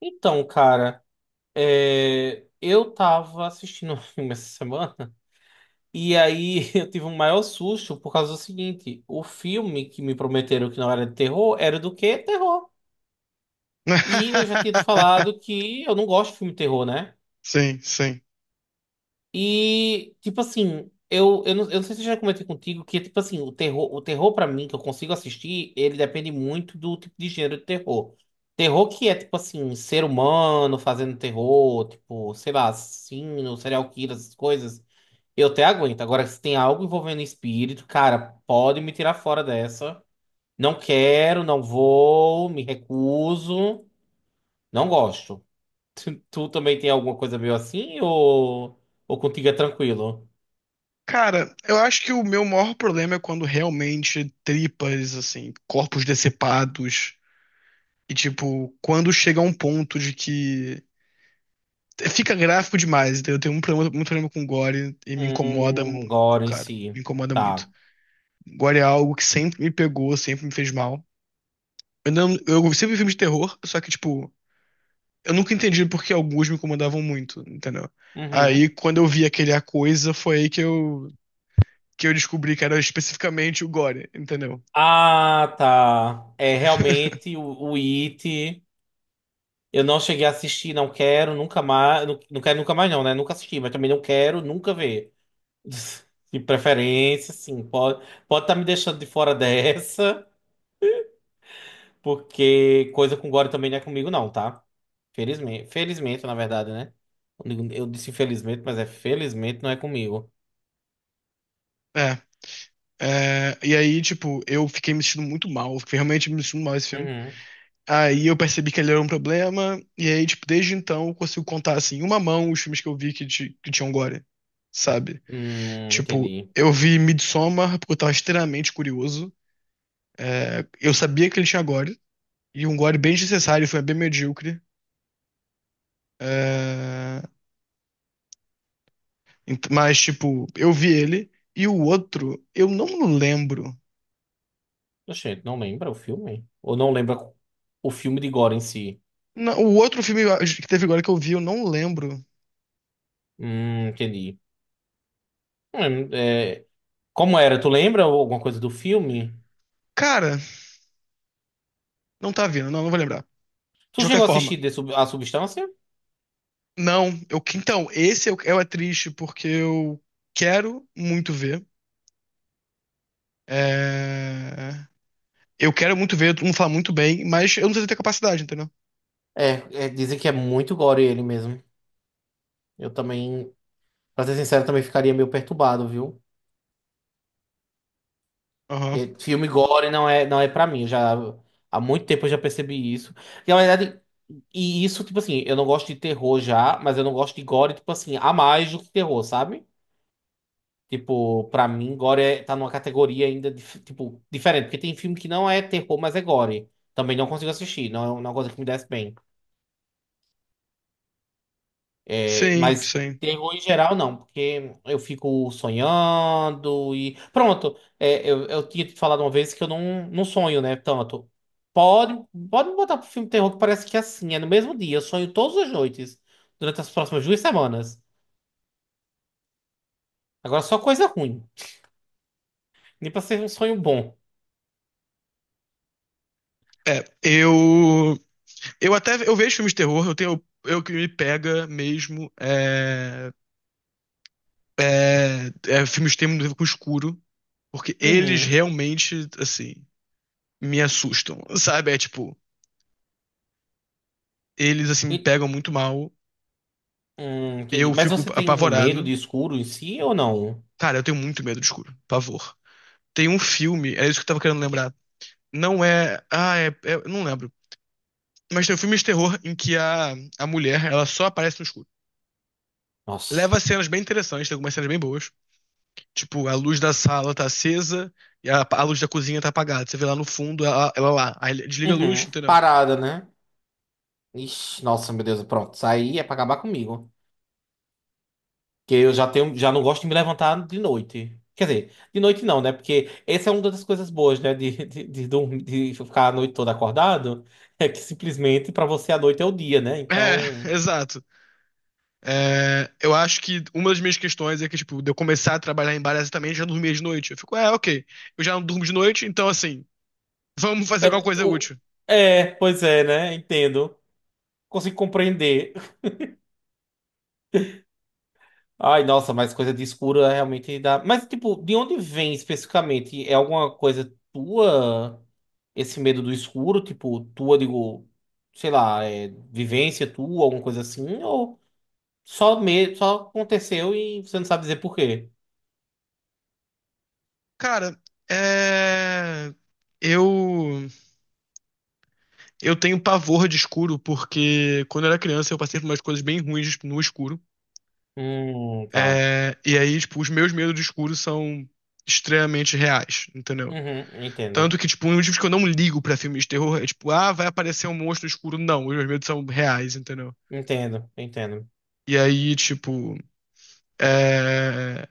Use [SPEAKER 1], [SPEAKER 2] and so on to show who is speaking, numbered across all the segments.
[SPEAKER 1] Então, cara, eu tava assistindo um filme essa semana e aí eu tive um maior susto por causa do seguinte: o filme que me prometeram que não era de terror era do quê? Terror. E eu já tinha te falado que eu não gosto de filme de terror, né?
[SPEAKER 2] Sim, sim.
[SPEAKER 1] E, tipo assim, não, eu não sei se eu já comentei contigo que, tipo assim, o terror para mim, que eu consigo assistir, ele depende muito do tipo de gênero de terror. Terror que é, tipo assim, ser humano fazendo terror, tipo, sei lá, assassino, serial killer, essas coisas, eu até aguento. Agora, se tem algo envolvendo espírito, cara, pode me tirar fora dessa. Não quero, não vou, me recuso, não gosto. Tu também tem alguma coisa meio assim ou contigo é tranquilo?
[SPEAKER 2] Cara, eu acho que o meu maior problema é quando realmente tripas, assim, corpos decepados, e tipo, quando chega a um ponto de que fica gráfico demais, entendeu? Eu tenho um problema, muito problema com gore e me incomoda muito,
[SPEAKER 1] Agora em
[SPEAKER 2] cara.
[SPEAKER 1] si.
[SPEAKER 2] Me incomoda
[SPEAKER 1] Tá.
[SPEAKER 2] muito. Gore é algo que sempre me pegou, sempre me fez mal. Eu, não, eu sempre vi filmes de terror, só que, tipo, eu nunca entendi por que alguns me incomodavam muito, entendeu? Aí,
[SPEAKER 1] Uhum.
[SPEAKER 2] quando eu vi aquele A Coisa, foi aí que eu descobri que era especificamente o Gore, entendeu?
[SPEAKER 1] Ah, tá. É realmente o It. Eu não cheguei a assistir, não quero, nunca mais. Não, não quero nunca mais, não, né? Nunca assisti, mas também não quero nunca ver. De preferência, sim. Pode estar me deixando de fora dessa, porque coisa com Gore também não é comigo, não, tá? Felizmente, na verdade, né? Eu disse infelizmente, mas é felizmente não é comigo.
[SPEAKER 2] É. é, e aí, tipo, eu fiquei me sentindo muito mal, fiquei realmente me sentindo mal esse filme.
[SPEAKER 1] Uhum.
[SPEAKER 2] Aí eu percebi que ele era um problema, e aí, tipo, desde então eu consigo contar, assim, em uma mão os filmes que eu vi que, que tinham Gore, sabe? Tipo,
[SPEAKER 1] Entendi.
[SPEAKER 2] eu vi Midsommar porque eu tava extremamente curioso. É, eu sabia que ele tinha Gore, e um Gore bem desnecessário, foi bem medíocre. É, mas, tipo, eu vi ele, e o outro, eu não lembro.
[SPEAKER 1] Gente, não lembra o filme? Ou não lembra o filme de Gore em si?
[SPEAKER 2] Não, o outro filme que teve agora que eu vi, eu não lembro.
[SPEAKER 1] Entendi. É, como era? Tu lembra alguma coisa do filme?
[SPEAKER 2] Cara, não tá vindo, não, não vou lembrar. De
[SPEAKER 1] Tu
[SPEAKER 2] qualquer
[SPEAKER 1] chegou a
[SPEAKER 2] forma,
[SPEAKER 1] assistir A Substância?
[SPEAKER 2] não. Eu, então, esse eu, é triste porque eu quero muito ver. É, eu quero muito ver, todo mundo fala muito bem, mas eu não sei se eu tenho capacidade, entendeu?
[SPEAKER 1] É, dizem que é muito gore ele mesmo. Eu também, pra ser sincero, também ficaria meio perturbado, viu?
[SPEAKER 2] Aham.
[SPEAKER 1] É, filme gore não é, não é pra mim. Há muito tempo eu já percebi isso. E, na verdade, e isso, tipo assim, eu não gosto de terror já, mas eu não gosto de gore, tipo assim, a mais do que terror, sabe? Tipo, pra mim, tá numa categoria ainda, tipo, diferente. Porque tem filme que não é terror, mas é Gore. Também não consigo assistir, não é uma coisa que me desce bem. É,
[SPEAKER 2] Sim,
[SPEAKER 1] mas
[SPEAKER 2] sim.
[SPEAKER 1] terror em geral, não, porque eu fico sonhando Pronto, é, eu tinha te falado uma vez que eu não, não sonho, né? Tanto. Pode, pode me botar pro filme de terror que parece que é assim, é no mesmo dia. Eu sonho todas as noites, durante as próximas duas semanas. Agora só coisa ruim. Nem pra ser um sonho bom.
[SPEAKER 2] É, eu. Eu até eu vejo filmes de terror, eu tenho. Eu que me pega mesmo é, é filmes de terror com escuro, porque eles
[SPEAKER 1] Uhum.
[SPEAKER 2] realmente, assim, me assustam, sabe? É tipo, eles assim me
[SPEAKER 1] E-
[SPEAKER 2] pegam muito mal,
[SPEAKER 1] Entendi.
[SPEAKER 2] eu
[SPEAKER 1] Mas
[SPEAKER 2] fico
[SPEAKER 1] você tem um medo
[SPEAKER 2] apavorado.
[SPEAKER 1] de escuro em si ou não?
[SPEAKER 2] Cara, eu tenho muito medo de escuro, pavor. Tem um filme, é isso que eu tava querendo lembrar. Não é, ah, eu não lembro. Mas tem um filme de terror em que a mulher, ela só aparece no escuro.
[SPEAKER 1] Nossa.
[SPEAKER 2] Leva cenas bem interessantes, tem algumas cenas bem boas. Tipo, a luz da sala tá acesa e a luz da cozinha tá apagada. Você vê lá no fundo, ela lá. Aí ele desliga a luz,
[SPEAKER 1] Uhum.
[SPEAKER 2] entendeu?
[SPEAKER 1] Parada, né? Ixi, nossa, meu Deus, pronto. Isso aí é pra acabar comigo. Porque eu já tenho, já não gosto de me levantar de noite. Quer dizer, de noite não, né? Porque essa é uma das coisas boas, né? De ficar a noite toda acordado. É que simplesmente pra você a noite é o dia, né?
[SPEAKER 2] É,
[SPEAKER 1] Então.
[SPEAKER 2] exato. É, eu acho que uma das minhas questões é que, tipo, de eu começar a trabalhar em bar é exatamente, eu já dormia de noite. Eu fico, é, ok, eu já não durmo de noite, então assim, vamos fazer alguma
[SPEAKER 1] É,
[SPEAKER 2] coisa
[SPEAKER 1] o-
[SPEAKER 2] útil.
[SPEAKER 1] é, pois é, né? Entendo. Consigo compreender. Ai, nossa, mas coisa de escura realmente dá. Mas, tipo, de onde vem especificamente? É alguma coisa tua, esse medo do escuro? Tipo, tua, digo, sei lá, é vivência tua, alguma coisa assim? Ou só aconteceu e você não sabe dizer por quê?
[SPEAKER 2] Cara, é. Eu, eu tenho pavor de escuro porque quando eu era criança eu passei por umas coisas bem ruins tipo, no escuro.
[SPEAKER 1] Tá.
[SPEAKER 2] É, e aí, tipo, os meus medos de escuro são extremamente reais, entendeu?
[SPEAKER 1] Uhum, entendo.
[SPEAKER 2] Tanto que, tipo, um dos motivos que eu não ligo pra filmes de terror é, tipo, ah, vai aparecer um monstro escuro. Não, os meus medos são reais, entendeu?
[SPEAKER 1] Entendo, entendo.
[SPEAKER 2] E aí, tipo, é...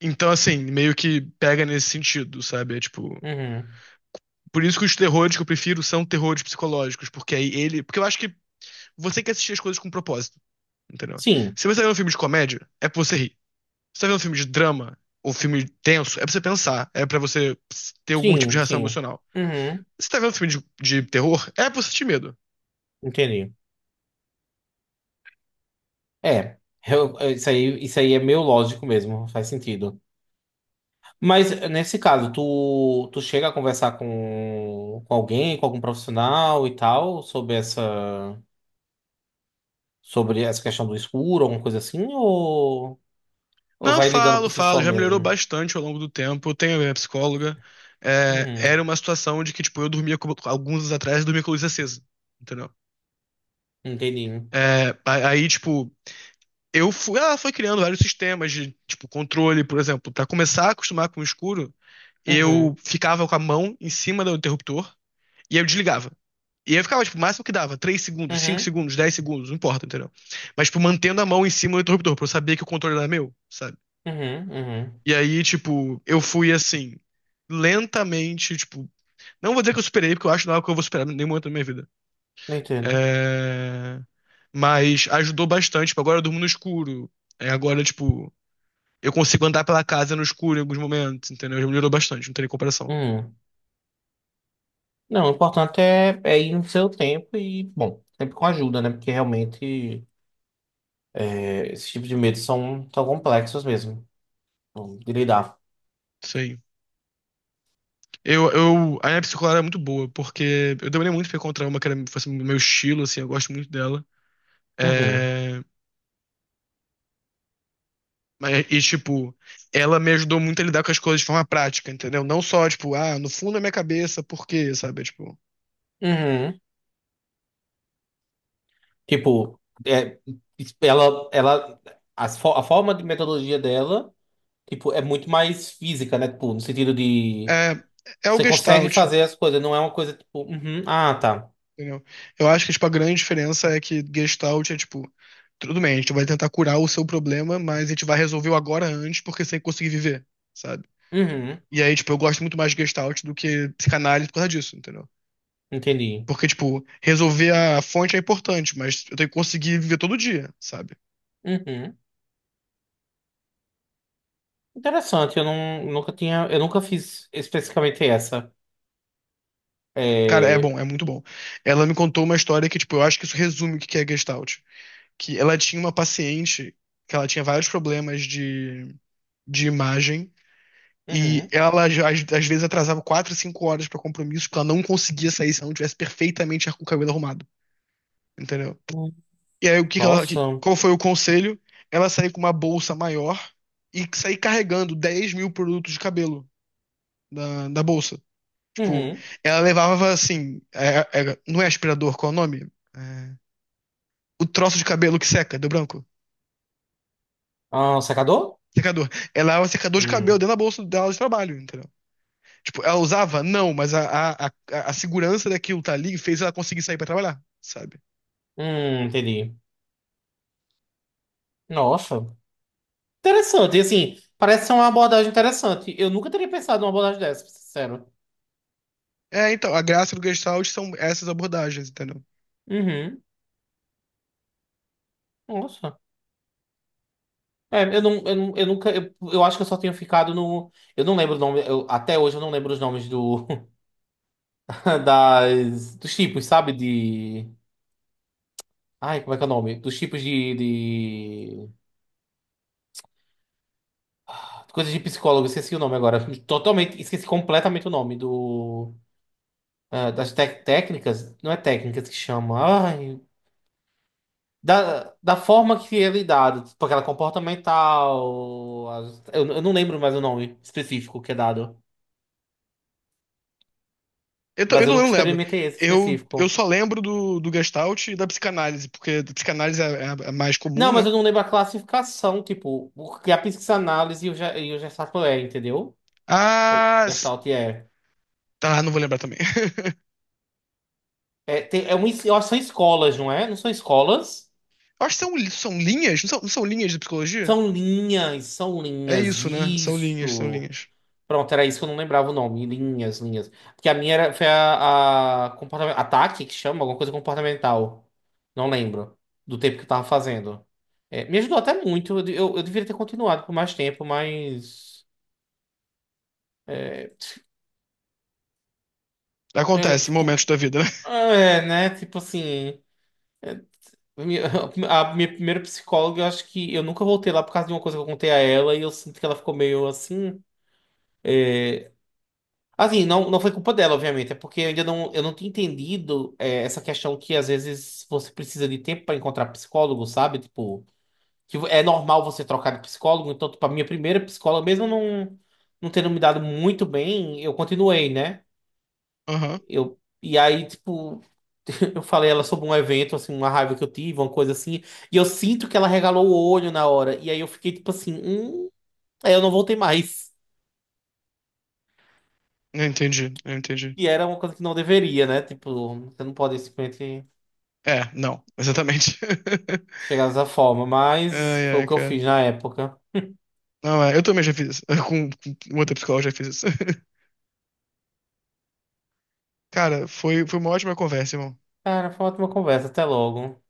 [SPEAKER 2] Então, assim, meio que pega nesse sentido, sabe? É tipo.
[SPEAKER 1] Uhum.
[SPEAKER 2] Por isso que os terrores que eu prefiro são terrores psicológicos, porque aí ele. Porque eu acho que você quer assistir as coisas com propósito, entendeu?
[SPEAKER 1] Sim,
[SPEAKER 2] Se você tá vendo um filme de comédia, é pra você rir. Se você tá vendo um filme de drama ou filme tenso, é pra você pensar, é pra você ter algum tipo de
[SPEAKER 1] sim,
[SPEAKER 2] reação
[SPEAKER 1] sim.
[SPEAKER 2] emocional.
[SPEAKER 1] Uhum,
[SPEAKER 2] Se você tá vendo um filme de terror, é pra você sentir medo.
[SPEAKER 1] entendi. É, isso aí é meio lógico mesmo, faz sentido. Mas nesse caso, tu chega a conversar com alguém, com algum profissional e tal, sobre essa questão do escuro, alguma coisa assim, ou
[SPEAKER 2] Não,
[SPEAKER 1] vai lidando por
[SPEAKER 2] falo,
[SPEAKER 1] si
[SPEAKER 2] falo.
[SPEAKER 1] só
[SPEAKER 2] Já melhorou
[SPEAKER 1] mesmo?
[SPEAKER 2] bastante ao longo do tempo. Eu tenho a minha psicóloga. É, era
[SPEAKER 1] Uhum,
[SPEAKER 2] uma situação de que, tipo, eu dormia com, alguns anos atrás, eu dormia com a luz acesa. Entendeu?
[SPEAKER 1] entendi.
[SPEAKER 2] É, aí, tipo, eu fui. Ela foi criando vários sistemas de, tipo, controle, por exemplo. Pra começar a acostumar com o escuro, eu
[SPEAKER 1] Uhum,
[SPEAKER 2] ficava com a mão em cima do interruptor e eu desligava. E eu ficava, tipo, o máximo que dava, três segundos, cinco
[SPEAKER 1] uhum,
[SPEAKER 2] segundos, dez segundos, não importa, entendeu? Mas, tipo, mantendo a mão em cima do interruptor, pra eu saber que o controle era meu, sabe?
[SPEAKER 1] uhum, uhum.
[SPEAKER 2] E aí, tipo, eu fui assim, lentamente, tipo, não vou dizer que eu superei, porque eu acho que não é algo que eu vou superar em nenhum momento da minha vida.
[SPEAKER 1] Entendo.
[SPEAKER 2] É... Mas ajudou bastante. Tipo, agora eu durmo no escuro. É, agora, tipo, eu consigo andar pela casa no escuro em alguns momentos, entendeu? Já melhorou bastante, não tem nem comparação.
[SPEAKER 1] Uhum. Não, o importante é, é ir no seu tempo e, bom, sempre com ajuda, né? Porque realmente é, esses tipos de medos são tão complexos mesmo bom, de lidar.
[SPEAKER 2] Sim. Eu, a minha psicóloga era muito boa, porque eu demorei muito pra encontrar uma que era, fosse meu estilo, assim, eu gosto muito dela.
[SPEAKER 1] Uhum,
[SPEAKER 2] É, mas, e, tipo, ela me ajudou muito a lidar com as coisas de forma prática, entendeu? Não só, tipo, ah, no fundo da minha cabeça, por quê, sabe? Tipo,
[SPEAKER 1] uhum. Tipo, é, ela, ela, a forma de metodologia dela, tipo, é muito mais física, né? Tipo, no sentido de
[SPEAKER 2] é, é o
[SPEAKER 1] você consegue
[SPEAKER 2] Gestalt,
[SPEAKER 1] fazer as coisas, não é uma coisa tipo, uhum, ah, tá,
[SPEAKER 2] entendeu? Eu acho que, tipo, a grande diferença é que Gestalt é, tipo, tudo bem, a gente vai tentar curar o seu problema, mas a gente vai resolver o agora antes, porque sem conseguir viver, sabe?
[SPEAKER 1] uhum,
[SPEAKER 2] E aí, tipo, eu gosto muito mais de Gestalt do que psicanálise por causa disso, entendeu?
[SPEAKER 1] entendi,
[SPEAKER 2] Porque, tipo, resolver a fonte é importante, mas eu tenho que conseguir viver todo dia, sabe?
[SPEAKER 1] uhum. Interessante, eu não, nunca tinha, eu nunca fiz especificamente essa.
[SPEAKER 2] Cara, é
[SPEAKER 1] É,
[SPEAKER 2] bom, é muito bom. Ela me contou uma história que, tipo, eu acho que isso resume o que que é Gestalt. Que ela tinha uma paciente que ela tinha vários problemas de imagem e
[SPEAKER 1] uhum.
[SPEAKER 2] ela, já- às vezes, atrasava 4, 5 horas pra compromisso porque ela não conseguia sair se ela não tivesse perfeitamente com o cabelo arrumado, entendeu?
[SPEAKER 1] Hum,
[SPEAKER 2] E aí, o que que ela, que-
[SPEAKER 1] Nossa,
[SPEAKER 2] qual foi o conselho? Ela sair com uma bolsa maior e sair carregando 10 mil produtos de cabelo da bolsa. Tipo,
[SPEAKER 1] uhum.
[SPEAKER 2] ela levava, assim, não é aspirador, qual é o nome? É, o troço de cabelo que seca, do branco.
[SPEAKER 1] Ah, secador?
[SPEAKER 2] Secador. Ela é um secador de cabelo
[SPEAKER 1] Hum,
[SPEAKER 2] dentro da bolsa dela de trabalho, entendeu? Tipo, ela usava? Não, mas a segurança daquilo tá ali fez ela conseguir sair pra trabalhar, sabe?
[SPEAKER 1] entendi. Nossa. Interessante, e assim, parece ser uma abordagem interessante. Eu nunca teria pensado numa abordagem dessa, pra ser sincero.
[SPEAKER 2] É, então, a graça do Gestalt são essas abordagens, entendeu?
[SPEAKER 1] Uhum. Nossa. É, eu não, eu não, eu nunca, eu acho que eu só tenho ficado no, eu não lembro o nome, eu- até hoje eu não lembro os nomes do, das, dos tipos, sabe, de, ai, como é que é o nome? Dos tipos de, coisas de psicólogo, esqueci o nome agora, totalmente, esqueci completamente o nome do, ah, técnicas, não é técnicas que chama, ai, da forma que ele é dado, tipo aquela comportamental. Eu não lembro mais o nome específico que é dado. Mas eu
[SPEAKER 2] Eu
[SPEAKER 1] nunca
[SPEAKER 2] não lembro.
[SPEAKER 1] experimentei esse
[SPEAKER 2] Eu
[SPEAKER 1] específico.
[SPEAKER 2] só lembro do Gestalt e da psicanálise, porque a psicanálise é, é a mais comum,
[SPEAKER 1] Não,
[SPEAKER 2] né?
[SPEAKER 1] mas eu não lembro a classificação, tipo, o que a psicanálise e e o Gestalt é, entendeu? Ou
[SPEAKER 2] Ah,
[SPEAKER 1] Gestalt é.
[SPEAKER 2] tá, não vou lembrar também.
[SPEAKER 1] É, é uma, eu acho que são escolas, não é? Não são escolas?
[SPEAKER 2] Eu acho que são, são linhas, não são linhas de psicologia?
[SPEAKER 1] São
[SPEAKER 2] É
[SPEAKER 1] linhas,
[SPEAKER 2] isso, né? São linhas, são
[SPEAKER 1] isso.
[SPEAKER 2] linhas.
[SPEAKER 1] Pronto, era isso que eu não lembrava o nome. Linhas, linhas. Porque foi a comportamento, ataque, que chama, alguma coisa comportamental. Não lembro. Do tempo que eu tava fazendo. É, me ajudou até muito. Eu deveria ter continuado por mais tempo, mas. É,
[SPEAKER 2] Acontece,
[SPEAKER 1] tipo.
[SPEAKER 2] momentos da vida, né?
[SPEAKER 1] É, né? Tipo assim. é, minha- a minha primeira psicóloga, eu acho que eu nunca voltei lá por causa de uma coisa que eu contei a ela e eu sinto que ela ficou meio assim. Assim, não, não foi culpa dela, obviamente, é porque eu não tinha entendido é, essa questão que às vezes você precisa de tempo para encontrar psicólogo, sabe? Tipo, que é normal você trocar de psicólogo, então, tipo, a minha primeira psicóloga, mesmo não, não tendo me dado muito bem, eu continuei, né?
[SPEAKER 2] Aham,
[SPEAKER 1] E aí, tipo, eu falei ela sobre um evento, assim, uma raiva que eu tive, uma coisa assim, e eu sinto que ela regalou o olho na hora, e aí eu fiquei, tipo assim, aí eu não voltei mais.
[SPEAKER 2] eu entendi, eu entendi.
[SPEAKER 1] E era uma coisa que não deveria, né? Tipo, você não pode simplesmente.
[SPEAKER 2] É, não, exatamente.
[SPEAKER 1] Chegar dessa forma, mas
[SPEAKER 2] Ai,
[SPEAKER 1] foi o
[SPEAKER 2] ai,
[SPEAKER 1] que eu
[SPEAKER 2] cara.
[SPEAKER 1] fiz na época.
[SPEAKER 2] Não, é, eu também já fiz isso. Com outra psicóloga já fiz isso. Cara, foi uma ótima conversa, irmão.
[SPEAKER 1] Cara, foi uma ótima conversa, até logo.